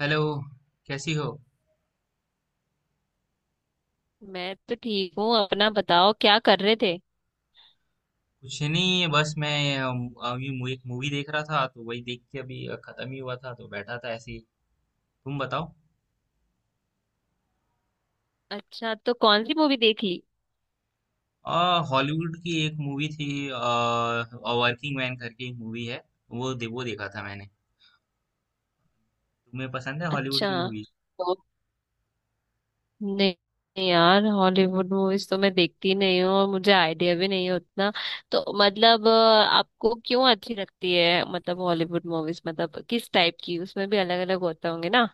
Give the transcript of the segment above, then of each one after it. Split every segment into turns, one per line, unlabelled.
Hello. कैसी हो?
मैं तो ठीक हूँ। अपना बताओ, क्या कर रहे थे।
कुछ नहीं, बस मैं अभी एक मूवी देख रहा था तो वही देख के अभी खत्म ही हुआ था तो बैठा था ऐसे ही। तुम बताओ।
अच्छा, तो कौन सी मूवी देख ली।
आ हॉलीवुड की एक मूवी थी, वर्किंग मैन करके एक मूवी है। वो देखा था मैंने। तुम्हें पसंद है हॉलीवुड
अच्छा।
की मूवी?
तो नहीं, नहीं यार, हॉलीवुड मूवीज तो मैं देखती नहीं हूँ और मुझे आइडिया भी नहीं है उतना। तो मतलब आपको क्यों अच्छी लगती है, मतलब हॉलीवुड मूवीज, मतलब किस टाइप की? उसमें भी अलग अलग होते होंगे ना।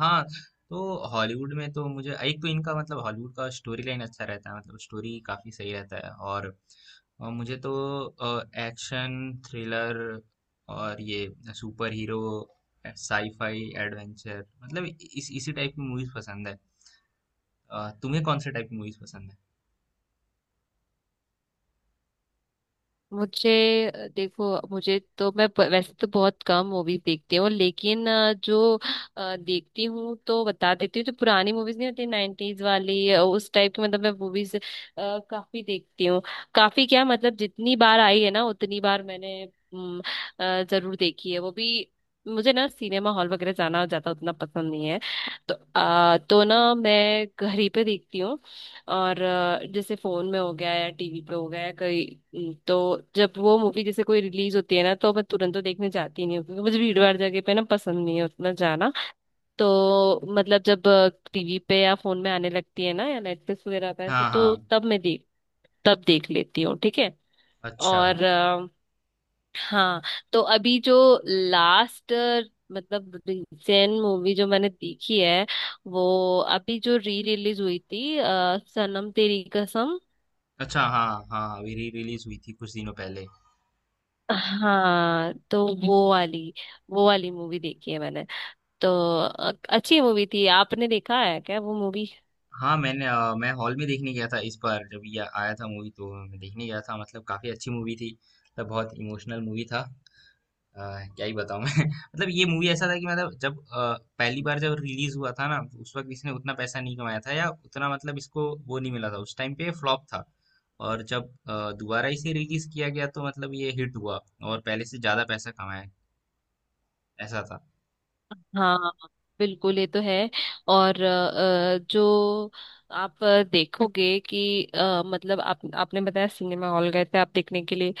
हाँ, तो हॉलीवुड में तो मुझे एक तो इनका मतलब हॉलीवुड का स्टोरी लाइन अच्छा रहता है, मतलब स्टोरी काफी सही रहता है, और मुझे तो एक्शन थ्रिलर और ये सुपर हीरो साईफाई एडवेंचर मतलब इस इसी टाइप की मूवीज पसंद है। तुम्हें कौन से टाइप की मूवीज पसंद है?
मुझे देखो, मुझे तो वैसे तो बहुत कम मूवीज देखती हूँ, लेकिन जो देखती हूँ तो बता देती हूँ। जो पुरानी मूवीज नहीं होती, नाइन्टीज वाली उस टाइप की, मतलब मैं मूवीज काफी देखती हूँ। काफी क्या मतलब, जितनी बार आई है ना उतनी बार मैंने अम, जरूर देखी है वो भी। मुझे ना सिनेमा हॉल वगैरह जाना ज्यादा उतना पसंद नहीं है, तो तो ना मैं घर ही पे देखती हूँ। और जैसे फोन में हो गया या टीवी पे हो गया या कहीं तो। जब वो मूवी जैसे कोई रिलीज होती है ना, तो मैं तुरंत तो देखने जाती नहीं हूँ, क्योंकि मुझे भीड़ भाड़ जगह पे ना पसंद नहीं है उतना जाना। तो मतलब जब टीवी पे या फोन में आने लगती है ना, या नेटफ्लिक्स वगैरह पे ऐसे,
हाँ
तो
हाँ।
तब मैं देख तब देख लेती हूँ ठीक है।
अच्छा।
और हाँ, तो अभी जो लास्ट, मतलब रिसेंट मूवी जो मैंने देखी है, वो अभी जो री रिलीज हुई थी, सनम तेरी कसम।
अच्छा हाँ हाँ, अभी री रिलीज हुई थी कुछ दिनों पहले।
हाँ, तो वो वाली मूवी देखी है मैंने। तो अच्छी मूवी थी। आपने देखा है क्या वो मूवी?
हाँ, मैंने मैं हॉल में देखने गया था, इस बार जब ये आया था मूवी तो मैं देखने गया था, मतलब काफ़ी अच्छी मूवी थी। मतलब बहुत इमोशनल मूवी था। अ, क्या ही बताऊँ मैं। मतलब ये मूवी ऐसा था कि मतलब जब पहली बार जब रिलीज़ हुआ था ना, उस वक़्त इसने उतना पैसा नहीं कमाया था, या उतना मतलब इसको वो नहीं मिला था, उस टाइम पे फ्लॉप था। और जब दोबारा इसे रिलीज़ किया गया तो मतलब ये हिट हुआ और पहले से ज़्यादा पैसा कमाया। ऐसा था।
हाँ, बिल्कुल ये तो है। और जो आप देखोगे कि मतलब आप आपने बताया सिनेमा हॉल गए थे आप देखने के लिए।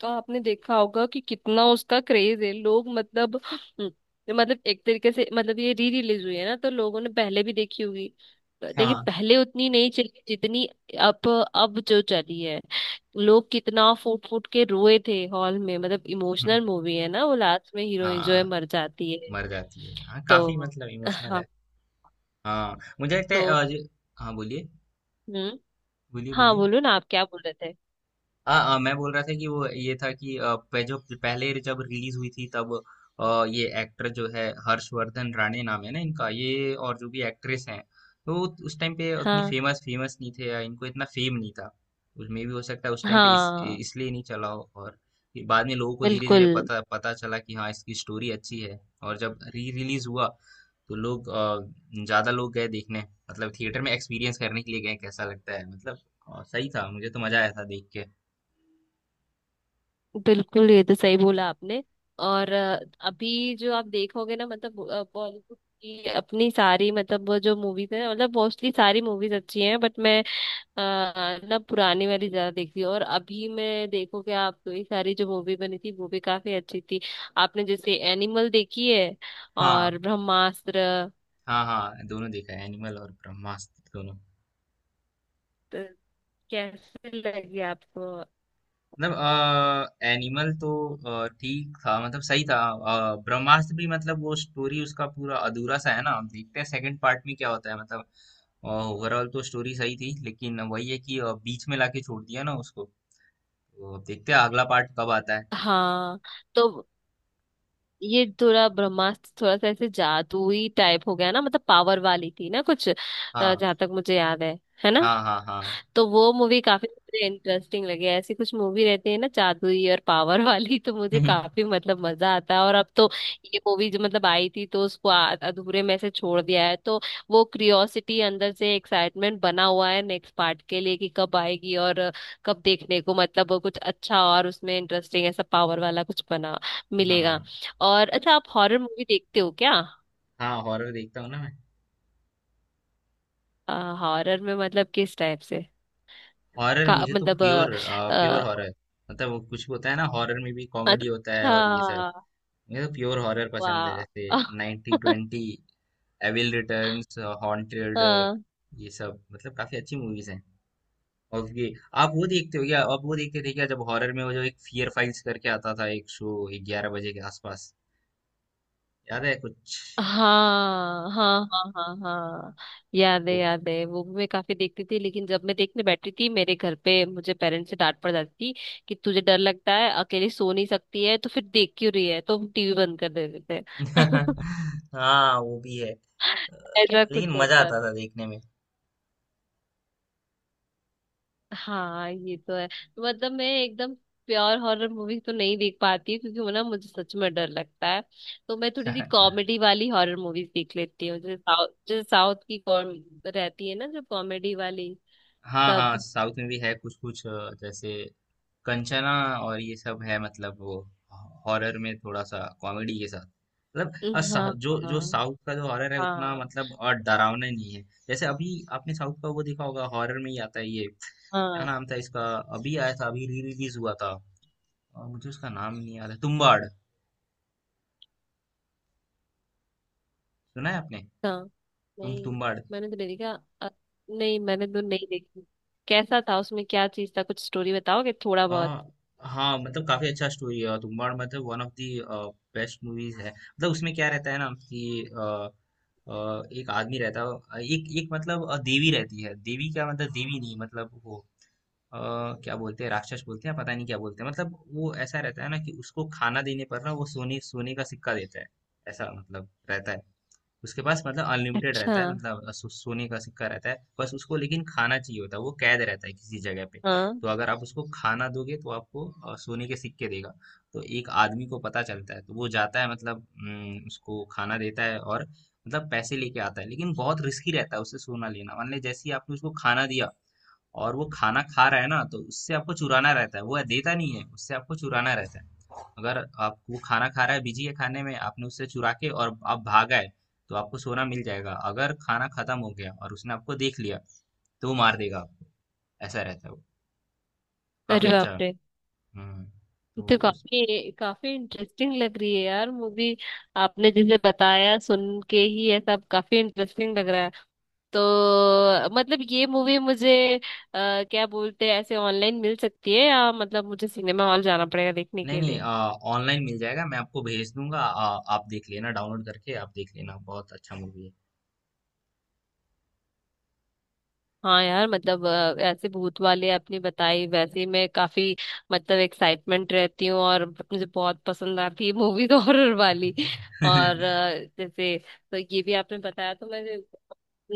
तो आपने देखा होगा कि कितना उसका क्रेज है, लोग मतलब मतलब एक तरीके से, मतलब ये री रिलीज हुई है ना, तो लोगों ने पहले भी देखी होगी, लेकिन
हाँ।
पहले उतनी नहीं चली जितनी अब अब जो चली है। लोग कितना फूट फूट के रोए थे हॉल में, मतलब
हुँ,
इमोशनल मूवी है ना, वो लास्ट में हीरोइन जो है
हाँ,
मर जाती है।
मर जाती है। हाँ, काफ़ी
तो
मतलब इमोशनल
हाँ।
है। हाँ मुझे लगता है
तो
हाँ बोलिए।
हम्म।
बोलिए
हाँ
बोलिए।
बोलो ना, आप क्या बोल रहे थे?
हाँ हाँ, मैं बोल रहा था कि वो ये था कि जो पहले जब रिलीज हुई थी तब ये एक्टर जो है, हर्षवर्धन राणे नाम है ना इनका, ये और जो भी एक्ट्रेस हैं, तो उस टाइम पे उतनी
हाँ,
फेमस फेमस नहीं थे या इनको इतना फेम नहीं था। उसमें भी हो सकता है उस टाइम पे
हाँ,
इसलिए नहीं चला हो। और फिर बाद में लोगों को धीरे
बिल्कुल।
धीरे पता पता चला कि हाँ इसकी स्टोरी अच्छी है, और जब री रिलीज हुआ तो ज्यादा लोग गए देखने, मतलब थिएटर में एक्सपीरियंस करने के लिए गए कैसा लगता है मतलब। सही था, मुझे तो मजा आया था देख के।
बिल्कुल ये तो सही बोला आपने। और अभी जो आप देखोगे ना, मतलब बॉलीवुड की अपनी सारी, मतलब वो जो मूवीज है, मतलब मोस्टली सारी मूवीज अच्छी हैं, बट मैं अ, ना पुरानी वाली ज्यादा देखती हूँ। और अभी मैं देखोगे आप तो ये सारी जो मूवी बनी थी वो भी काफी अच्छी थी। आपने जैसे एनिमल देखी है और
हाँ
ब्रह्मास्त्र।
हाँ हाँ, दोनों देखा है, एनिमल और ब्रह्मास्त्र दोनों।
तो कैसे लगी आपको?
मतलब एनिमल तो ठीक था, मतलब सही था। ब्रह्मास्त्र भी मतलब वो स्टोरी उसका पूरा अधूरा सा है ना, हम देखते हैं सेकंड पार्ट में क्या होता है, मतलब ओवरऑल तो स्टोरी सही थी, लेकिन वही है कि बीच में लाके छोड़ दिया ना उसको, तो अब देखते हैं अगला पार्ट कब आता है।
हाँ। तो ये थोड़ा, ब्रह्मास्त्र थोड़ा सा ऐसे जादुई टाइप हो गया ना, मतलब पावर वाली थी ना कुछ,
हाँ
जहाँ तक मुझे याद है ना?
हाँ हाँ हाँ।
तो वो मूवी काफी मुझे इंटरेस्टिंग लगी। ऐसी कुछ मूवी रहती है ना, जादुई और पावर वाली, तो मुझे काफी मतलब मजा आता है। और अब तो ये मूवी जो मतलब आई थी, तो उसको अधूरे में से छोड़ दिया है, तो वो क्यूरियोसिटी, अंदर से एक्साइटमेंट बना हुआ है नेक्स्ट पार्ट के लिए कि कब आएगी और कब देखने को, मतलब वो कुछ अच्छा और उसमें इंटरेस्टिंग ऐसा पावर वाला कुछ बना
हाँ
मिलेगा। और अच्छा, आप हॉरर मूवी देखते हो क्या?
हाँ, हॉरर देखता हूँ ना मैं।
हॉरर में मतलब किस टाइप से
हॉरर
का
मुझे तो
मतलब
प्योर, प्योर
अ,
हॉरर, मतलब वो कुछ होता है ना हॉरर में भी कॉमेडी होता है
अच्छा।
और ये सब, ये तो प्योर हॉरर पसंद है,
वाह।
जैसे 90 ट्वेंटी, एविल रिटर्न्स, हॉन्टेड, ये सब मतलब काफी अच्छी मूवीज हैं। और ये, आप वो देखते हो क्या, आप वो देखते थे क्या जब हॉरर में वो जो एक फियर फाइल्स करके आता था, एक शो 11 बजे के आसपास, याद है कुछ?
हाँ, हाँ, हाँ, हाँ, हाँ, हाँ। याद है,
वो-
याद है, वो भी मैं काफी देखती थी, लेकिन जब मैं देखने बैठती थी मेरे घर पे, मुझे पेरेंट्स से डांट पड़ जाती थी। कि तुझे डर लगता है, अकेली सो नहीं सकती है तो फिर देख क्यों रही है, तो हम टीवी बंद कर देते थे।
हाँ वो भी है।
ऐसा कुछ
लेकिन मजा
होता।
आता था देखने में।
हाँ ये तो है। मतलब मैं एकदम प्योर हॉरर मूवी तो नहीं देख पाती हूँ, क्योंकि वो ना मुझे सच में डर लगता है। तो मैं थोड़ी सी कॉमेडी वाली हॉरर मूवीज देख लेती हूँ, जैसे साउथ की कॉम रहती है ना, जो कॉमेडी वाली।
हाँ हाँ,
सब।
साउथ में भी है कुछ कुछ, जैसे कंचना, और ये सब है मतलब वो हॉरर में थोड़ा सा कॉमेडी के साथ, मतलब
हाँ,
जो जो
हाँ,
साउथ का जो हॉरर है उतना
हाँ,
मतलब और डरावना नहीं है। जैसे अभी आपने साउथ का वो देखा होगा, हॉरर में ही आता है ये, क्या
हाँ,
नाम था इसका, अभी आया था, अभी री रिलीज हुआ था, और मुझे उसका नाम नहीं याद है, तुम्बाड़। सुना है आपने?
हाँ। नहीं
तुम्बाड़।
मैंने तो नहीं देखा। अ, नहीं मैंने तो नहीं देखी। कैसा था, उसमें क्या चीज था, कुछ स्टोरी बताओगे थोड़ा
आ,
बहुत?
हाँ, मतलब काफी अच्छा स्टोरी है, और तुम्बाड़ मतलब one of the best movies है। मतलब उसमें क्या रहता है ना कि आ, आ, एक आदमी रहता है, एक एक मतलब देवी रहती है, देवी क्या मतलब देवी नहीं, मतलब वो आ, क्या बोलते हैं, राक्षस बोलते हैं, पता नहीं क्या बोलते हैं, मतलब वो ऐसा रहता है ना कि उसको खाना देने पर ना वो सोने सोने का सिक्का देता है, ऐसा मतलब रहता है उसके पास, मतलब अनलिमिटेड रहता है,
अच्छा।
मतलब सोने का सिक्का रहता है बस, उसको लेकिन खाना चाहिए होता है, वो कैद रहता है किसी जगह पे।
हाँ।
तो अगर आप उसको खाना दोगे तो आपको सोने के सिक्के देगा। तो एक आदमी को पता चलता है तो वो जाता है, मतलब उसको खाना देता है और मतलब पैसे लेके आता है, लेकिन बहुत रिस्की रहता है उससे सोना लेना। मान लीजिए जैसे ही आपने उसको खाना दिया और वो खाना खा रहा है ना तो उससे आपको चुराना रहता है, वो देता नहीं है, उससे आपको चुराना रहता है। अगर आप, वो खाना खा रहा है, बिजी है खाने में, आपने उससे चुरा के और आप भाग आए, तो आपको सोना मिल जाएगा। अगर खाना खत्म हो गया और उसने आपको देख लिया तो वो मार देगा आपको, ऐसा रहता है वो। काफी
अरे
अच्छा
बाप
है।
रे।
हम्म। तो
तो
उस
काफी काफी इंटरेस्टिंग लग रही है यार मूवी। आपने जैसे बताया, सुन के ही ये सब काफी इंटरेस्टिंग लग रहा है। तो मतलब ये मूवी मुझे क्या बोलते हैं, ऐसे ऑनलाइन मिल सकती है, या मतलब मुझे सिनेमा हॉल जाना पड़ेगा देखने
नहीं
के
नहीं,
लिए?
ऑनलाइन मिल जाएगा, मैं आपको भेज दूंगा। आप देख लेना, डाउनलोड करके आप देख लेना, बहुत अच्छा मूवी
हाँ यार, मतलब ऐसे भूत वाले आपने बताई, वैसे ही मैं काफी मतलब एक्साइटमेंट रहती हूँ, और मुझे बहुत पसंद आती है मूवीज हॉरर वाली।
है।
और जैसे तो ये भी आपने बताया, तो मैं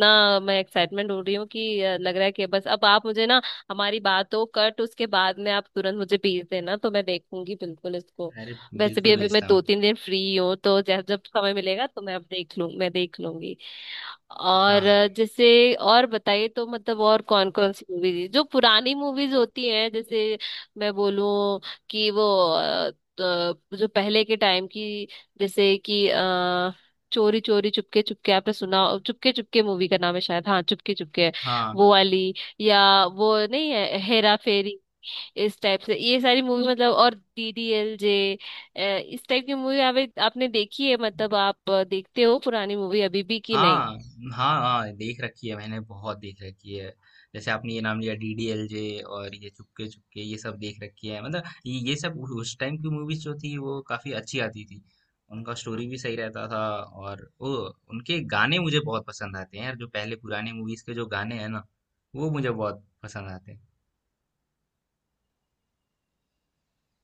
ना, मैं एक्साइटमेंट हो रही हूँ कि लग रहा है कि बस, अब आप मुझे ना, हमारी बात हो कट, उसके बाद में आप तुरंत मुझे भेज देना, तो मैं देखूंगी बिल्कुल इसको।
अरे
वैसे भी
बिल्कुल
अभी मैं
भेजता हूँ।
2-3 दिन फ्री हूँ, तो जब जब समय मिलेगा तो मैं देख लूंगी। और
हाँ
जैसे और बताइए तो मतलब, और कौन कौन सी मूवीज जो पुरानी मूवीज होती हैं, जैसे मैं बोलूं कि वो अ, तो जो पहले के टाइम की, जैसे कि चोरी चोरी चुपके चुपके, आपने सुना? चुपके चुपके मूवी का नाम है शायद, हाँ चुपके चुपके है।
हाँ,
वो वाली, या वो नहीं है, हेरा फेरी, इस टाइप से ये सारी मूवी, मतलब, और DDLJ, इस टाइप की मूवी आपने देखी है, मतलब आप देखते हो पुरानी मूवी अभी भी कि नहीं?
हाँ, हाँ, हाँ, देख रखी है मैंने, बहुत देख रखी है। जैसे आपने ये नाम लिया, डीडीएलजे और ये चुपके चुपके, ये सब देख रखी है। मतलब ये सब उस टाइम की मूवीज जो थी वो काफी अच्छी आती थी। उनका स्टोरी भी सही रहता था, और वो उनके गाने मुझे बहुत पसंद आते हैं यार, जो पहले पुराने मूवीज के जो गाने हैं ना वो मुझे बहुत पसंद आते हैं।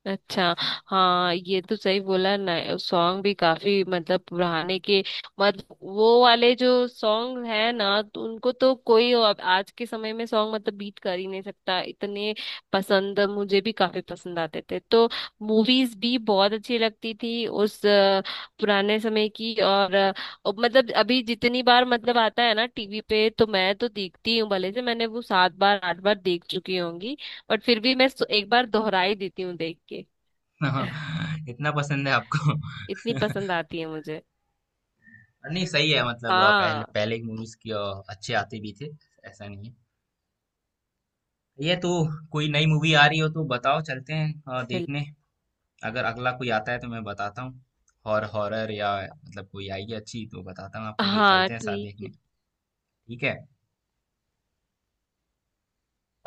अच्छा। हाँ ये तो सही बोला ना। सॉन्ग भी काफी, मतलब पुराने के मत वो वाले जो सॉन्ग है ना, तो उनको तो कोई अब आज के समय में सॉन्ग मतलब बीट कर ही नहीं सकता इतने पसंद। मुझे भी काफी पसंद आते थे, तो मूवीज भी बहुत अच्छी लगती थी उस पुराने समय की। और अब मतलब, अभी जितनी बार मतलब आता है ना टीवी पे, तो मैं तो देखती हूँ, भले से मैंने वो 7 बार 8 बार देख चुकी होंगी, बट फिर भी मैं एक बार दोहरा ही देती हूँ देख के।
इतना पसंद है आपको?
इतनी पसंद आती है मुझे।
नहीं सही है, मतलब पहले
हाँ।
पहले की मूवीज की अच्छे आते भी थे, ऐसा नहीं है। ये तो कोई नई मूवी आ रही हो तो बताओ, चलते हैं
बिल
देखने। अगर अगला कोई आता है तो मैं बताता हूँ, हॉरर या मतलब कोई आई है अच्छी तो बताता हूँ आपको, फिर
हाँ
चलते हैं साथ
ठीक
देखने।
है।
ठीक है।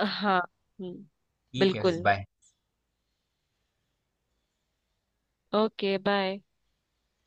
हाँ। हम्म।
ठीक है फिर,
बिल्कुल।
बाय।
ओके। बाय।